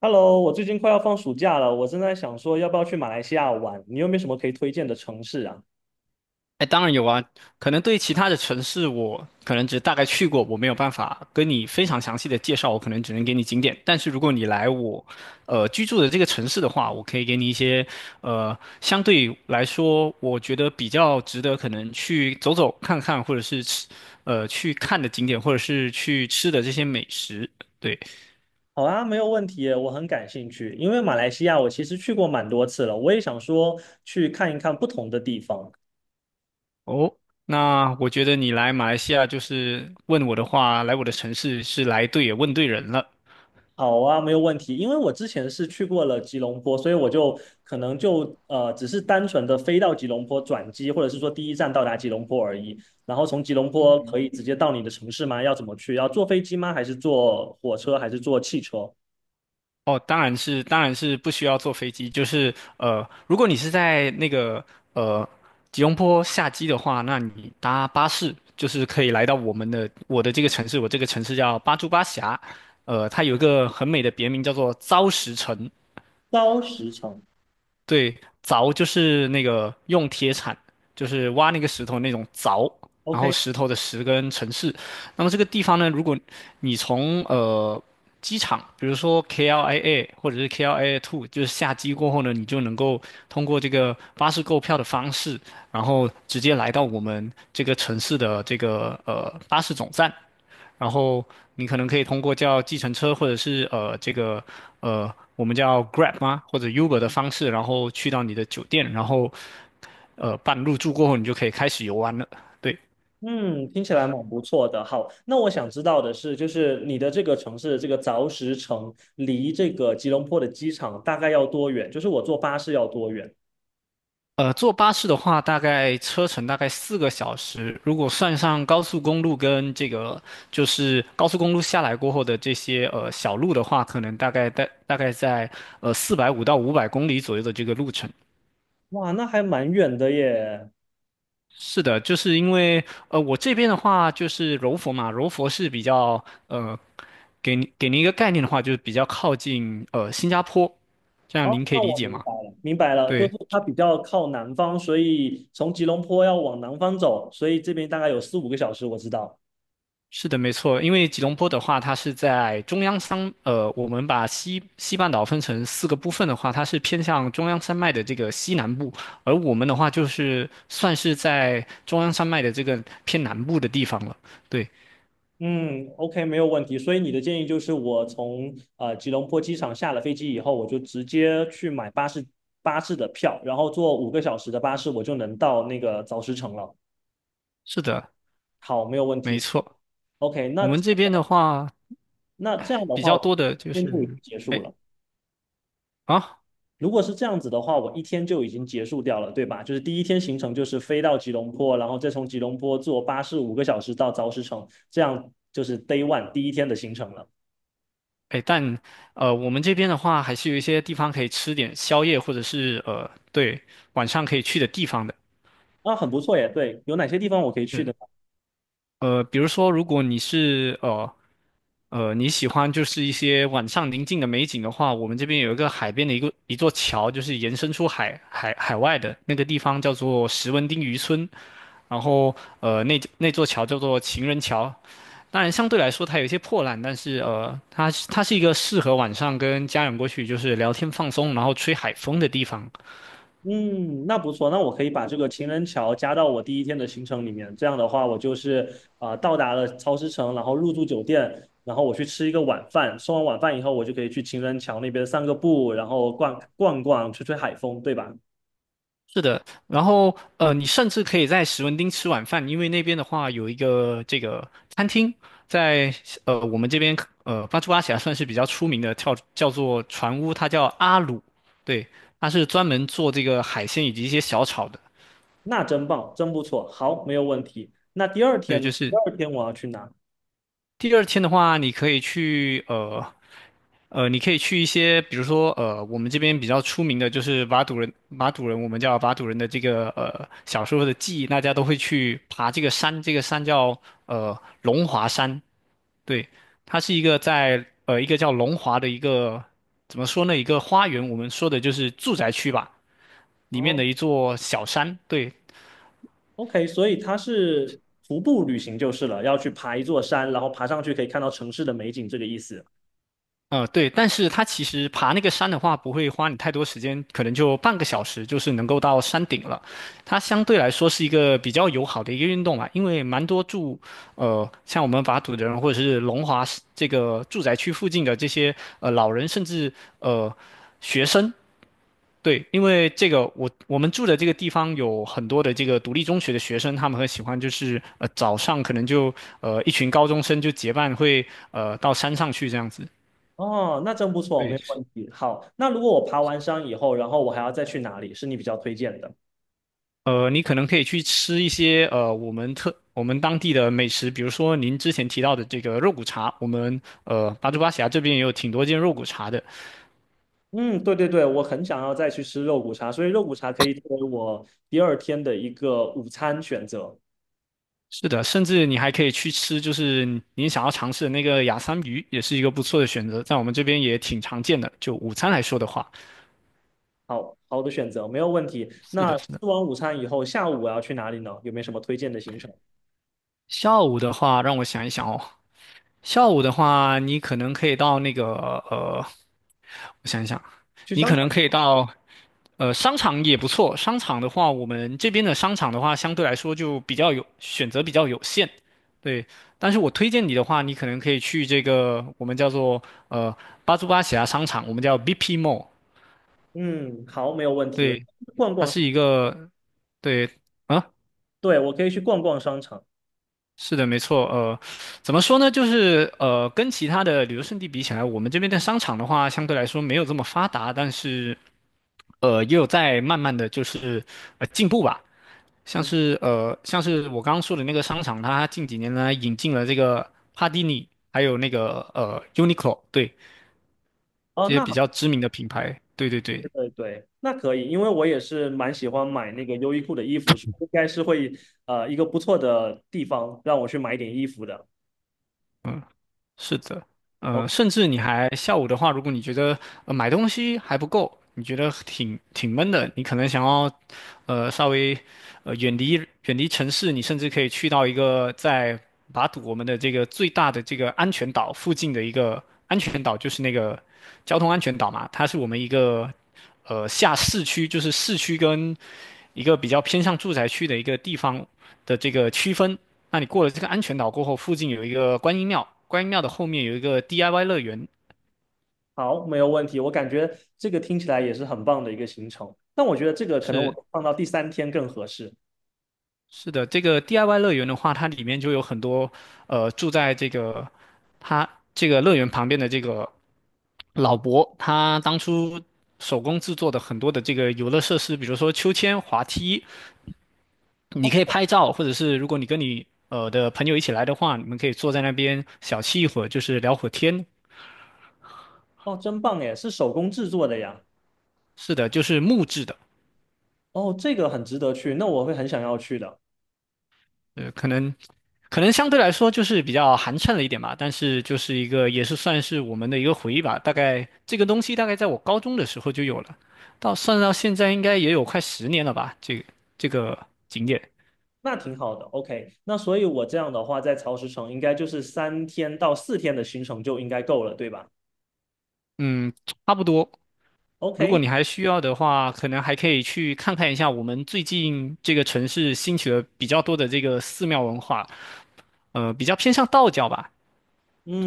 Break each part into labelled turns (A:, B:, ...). A: Hello,我最近快要放暑假了，我正在想说要不要去马来西亚玩，你有没有什么可以推荐的城市啊？
B: 哎，当然有啊，可能对其他的城市，我可能只大概去过，我没有办法跟你非常详细的介绍，我可能只能给你景点。但是如果你来我，居住的这个城市的话，我可以给你一些，相对来说，我觉得比较值得可能去走走看看，或者是吃，去看的景点，或者是去吃的这些美食。对，
A: 好啊，没有问题耶我很感兴趣，因为马来西亚我其实去过蛮多次了，我也想说去看一看不同的地方。
B: 哦，那我觉得你来马来西亚就是问我的话，来我的城市是来对也问对人了。
A: 好啊，没有问题，因为我之前是去过了吉隆坡，所以我就可能就只是单纯的飞到吉隆坡转机，或者是说第一站到达吉隆坡而已。然后从吉隆坡可以直接到你的城市吗？要怎么去？要坐飞机吗？还是坐火车？还是坐汽车？
B: 哦，当然是不需要坐飞机。就是如果你是在那个呃吉隆坡下机的话，那你搭巴士就是可以来到我的这个城市，我这个城市叫巴珠巴峡，它有一个很美的别名叫做糟石城。
A: 高时程。
B: 对，凿就是那个用铁铲，就是挖那个石头那种凿，然后
A: OK。
B: 石头的石跟城市。那么这个地方呢，如果你从机场，比如说 KLIA 或者是 KLIA Two,就是下机过后呢，你就能够通过这个巴士购票的方式，然后直接来到我们这个城市的这个巴士总站。然后你可能可以通过叫计程车或者是这个我们叫 Grab 吗或者 Uber 的方式，然后去到你的酒店，然后办入住过后，你就可以开始游玩了。对，
A: 嗯，听起来蛮不错的。好，那我想知道的是，就是你的这个城市，这个凿石城离这个吉隆坡的机场大概要多远？就是我坐巴士要多远？
B: 坐巴士的话，大概车程大概4个小时，如果算上高速公路跟这个就是高速公路下来过后的这些小路的话，可能大概大概在450到500公里左右的这个路程。
A: 哇，那还蛮远的耶。
B: 是的，就是因为我这边的话就是柔佛嘛，柔佛是比较呃，给您一个概念的话，就是比较靠近新加坡，这样
A: 哦，
B: 您可
A: 那
B: 以理
A: 我
B: 解
A: 明
B: 吗？
A: 白了，明白了，就
B: 对，
A: 是它比较靠南方，所以从吉隆坡要往南方走，所以这边大概有4、5个小时，我知道。
B: 是的，没错，因为吉隆坡的话，它是在中央山，呃，我们把西半岛分成四个部分的话，它是偏向中央山脉的这个西南部，而我们的话就是算是在中央山脉的这个偏南部的地方了。对，
A: 嗯，OK，没有问题。所以你的建议就是，我从吉隆坡机场下了飞机以后，我就直接去买巴士的票，然后坐五个小时的巴士，我就能到那个早石城了。
B: 是的，
A: 好，没有问
B: 没
A: 题。
B: 错。
A: OK。那
B: 我们这边的话，
A: 那这样的
B: 比
A: 话，
B: 较
A: 我
B: 多的就
A: 今天就已经
B: 是，
A: 结束
B: 哎
A: 了。
B: 啊
A: 如果是这样子的话，我一天就已经结束掉了，对吧？就是第一天行程就是飞到吉隆坡，然后再从吉隆坡坐巴士五个小时到早石城，这样就是 Day One 第一天的行程了。
B: 哎，但我们这边的话，还是有一些地方可以吃点宵夜，或者是呃，对，晚上可以去的地方的。
A: 啊，很不错耶。对，有哪些地方我可以去
B: 是
A: 的？
B: 比如说，如果你是你喜欢就是一些晚上宁静的美景的话，我们这边有一个海边的一个一座桥，就是延伸出海外的那个地方叫做石文町渔村，然后那座桥叫做情人桥，当然，相对来说它有一些破烂，但是呃，它是一个适合晚上跟家人过去就是聊天放松，然后吹海风的地方。
A: 嗯，那不错，那我可以把这个情人桥加到我第一天的行程里面。这样的话，我就是到达了超石城，然后入住酒店，然后我去吃一个晚饭。吃完晚饭以后，我就可以去情人桥那边散个步，然后逛逛，吹吹海风，对吧？
B: 是的，然后你甚至可以在史文町吃晚饭，因为那边的话有一个这个餐厅，在我们这边巴珠巴峡算是比较出名的，叫做船屋，它叫阿鲁，对，它是专门做这个海鲜以及一些小炒的，
A: 那真棒，真不错。好，没有问题。那第二
B: 对，
A: 天呢？
B: 就
A: 第
B: 是
A: 二天我要去哪？
B: 第二天的话，你可以去你可以去一些，比如说我们这边比较出名的就是瓦杜人，瓦杜人我们叫瓦杜人的这个小时候的记忆，大家都会去爬这个山，这个山叫龙华山，对，它是一个在一个叫龙华的一个怎么说呢，一个花园，我们说的就是住宅区吧，里面
A: 哦
B: 的一座小山，对，
A: ，OK，所以它是徒步旅行就是了，要去爬一座山，然后爬上去可以看到城市的美景，这个意思。
B: 对，但是它其实爬那个山的话，不会花你太多时间，可能就半个小时，就是能够到山顶了。它相对来说是一个比较友好的一个运动嘛，因为蛮多住，像我们瓦土的人或者是龙华市这个住宅区附近的这些老人，甚至呃学生，对，因为这个我们住的这个地方有很多的这个独立中学的学生，他们很喜欢就是早上可能就一群高中生就结伴会到山上去这样子。
A: 哦，那真不错，没
B: 对，
A: 有问题。好，那如果我爬完山以后，然后我还要再去哪里，是你比较推荐的？
B: 你可能可以去吃一些我们当地的美食，比如说您之前提到的这个肉骨茶，我们巴珠巴峡这边也有挺多间肉骨茶的。
A: 嗯，对对对，我很想要再去吃肉骨茶，所以肉骨茶可以作为我第二天的一个午餐选择。
B: 是的，甚至你还可以去吃，就是您想要尝试的那个雅桑鱼，也是一个不错的选择，在我们这边也挺常见的。就午餐来说的话，
A: 好好的选择，没有问题。
B: 是的，
A: 那吃
B: 是的。
A: 完午餐以后，下午我要去哪里呢？有没有什么推荐的行程？
B: 下午的话，让我想一想哦，下午的话，你可能可以到那个呃，我想一想，
A: 去
B: 你
A: 商
B: 可能
A: 场。
B: 可以到商场也不错。商场的话，我们这边的商场的话，相对来说就比较有选择比较有限，对。但是我推荐你的话，你可能可以去这个我们叫做呃巴珠巴喜亚商场，我们叫 BP Mall,
A: 嗯，好，没有问题。
B: 对，
A: 逛
B: 它
A: 逛
B: 是
A: 是，
B: 一个对。啊。
A: 对，我可以去逛逛商场。
B: 是的，没错。怎么说呢？就是跟其他的旅游胜地比起来，我们这边的商场的话，相对来说没有这么发达，但是也有在慢慢的就是进步吧。像
A: 嗯，
B: 是像是我刚刚说的那个商场，它近几年呢引进了这个帕蒂尼，还有那个Uniqlo,对，
A: 哦，
B: 这些
A: 那，
B: 比
A: 好。
B: 较知名的品牌。对对对，
A: 对对，那可以，因为我也是蛮喜欢买那个优衣库的衣服，应该是会一个不错的地方让我去买点衣服的。
B: 是的，
A: 哦，
B: 甚至你还下午的话，如果你觉得买东西还不够，你觉得挺闷的，你可能想要稍微呃远离远离城市，你甚至可以去到一个在巴堵我们的这个最大的这个安全岛附近的一个安全岛，就是那个交通安全岛嘛，它是我们一个下市区，就是市区跟一个比较偏向住宅区的一个地方的这个区分。那你过了这个安全岛过后，附近有一个观音庙，观音庙的后面有一个 DIY 乐园。
A: 好，没有问题，我感觉这个听起来也是很棒的一个行程。但我觉得这个可能
B: 是
A: 我放到第三天更合适。
B: 是的，这个 DIY 乐园的话，它里面就有很多住在这个它这个乐园旁边的这个老伯，他当初手工制作的很多的这个游乐设施，比如说秋千、滑梯，你
A: 哦
B: 可以拍照，或者是如果你跟的朋友一起来的话，你们可以坐在那边小憩一会儿，就是聊会儿天，
A: 哦，真棒耶，是手工制作的呀。
B: 是的，就是木质的，
A: 哦，这个很值得去，那我会很想要去的。
B: 呃，可能可能相对来说就是比较寒碜了一点吧，但是就是一个也是算是我们的一个回忆吧。大概这个东西大概在我高中的时候就有了，到算到现在应该也有快10年了吧。这个景点，
A: 那挺好的，OK。那所以我这样的话，在曹石城应该就是3天到4天的行程就应该够了，对吧
B: 嗯，差不多。如果
A: ？OK，
B: 你还需要的话，可能还可以去看看一下我们最近这个城市兴起的比较多的这个寺庙文化，比较偏向道教吧。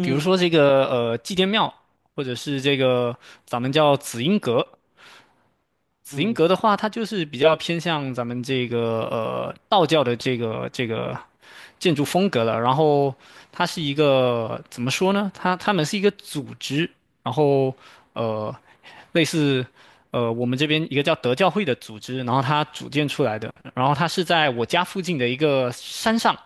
B: 比如说这个祭奠庙，或者是这个咱们叫紫英阁。紫英
A: 嗯，
B: 阁的话，它就是比较偏向咱们这个道教的这个建筑风格了。然后它是一个怎么说呢？它们是一个组织，然后呃类似我们这边一个叫德教会的组织，然后它组建出来的。然后它是在我家附近的一个山上，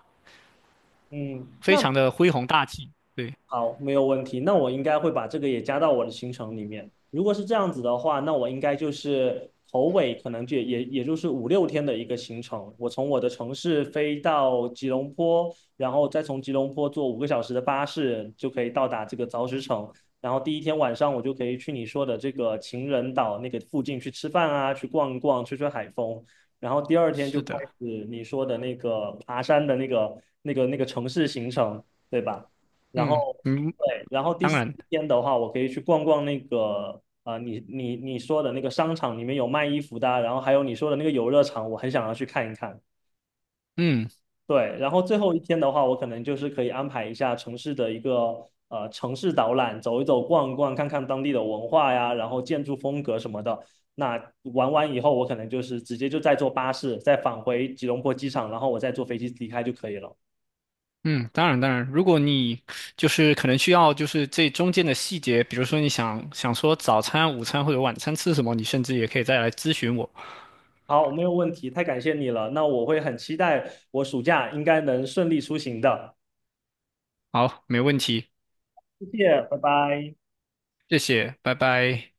A: 嗯，
B: 非
A: 那
B: 常的恢弘大气。对，
A: 好，没有问题。那我应该会把这个也加到我的行程里面。如果是这样子的话，那我应该就是头尾可能就也就是5、6天的一个行程。我从我的城市飞到吉隆坡，然后再从吉隆坡坐五个小时的巴士，就可以到达这个凿石城。然后第一天晚上我就可以去你说的这个情人岛那个附近去吃饭啊，去逛一逛，吹吹海风。然后第二天就
B: 是
A: 开
B: 的。
A: 始你说的那个爬山的那个城市行程，对吧？然
B: 嗯，
A: 后
B: 嗯。
A: 对，然后第
B: 当
A: 四
B: 然，
A: 天的话，我可以去逛逛那个你说的那个商场里面有卖衣服的啊然后还有你说的那个游乐场，我很想要去看一看。
B: 嗯
A: 对，然后最后一天的话，我可能就是可以安排一下城市的一个城市导览，走一走、逛一逛，看看当地的文化呀，然后建筑风格什么的。那玩完以后，我可能就是直接就再坐巴士，再返回吉隆坡机场，然后我再坐飞机离开就可以了。
B: 嗯，当然，如果你就是可能需要就是这中间的细节，比如说想说早餐、午餐或者晚餐吃什么，你甚至也可以再来咨询我。
A: 好，没有问题，太感谢你了。那我会很期待我暑假应该能顺利出行的。
B: 好，没问题，
A: 谢谢，拜拜。
B: 谢谢，拜拜。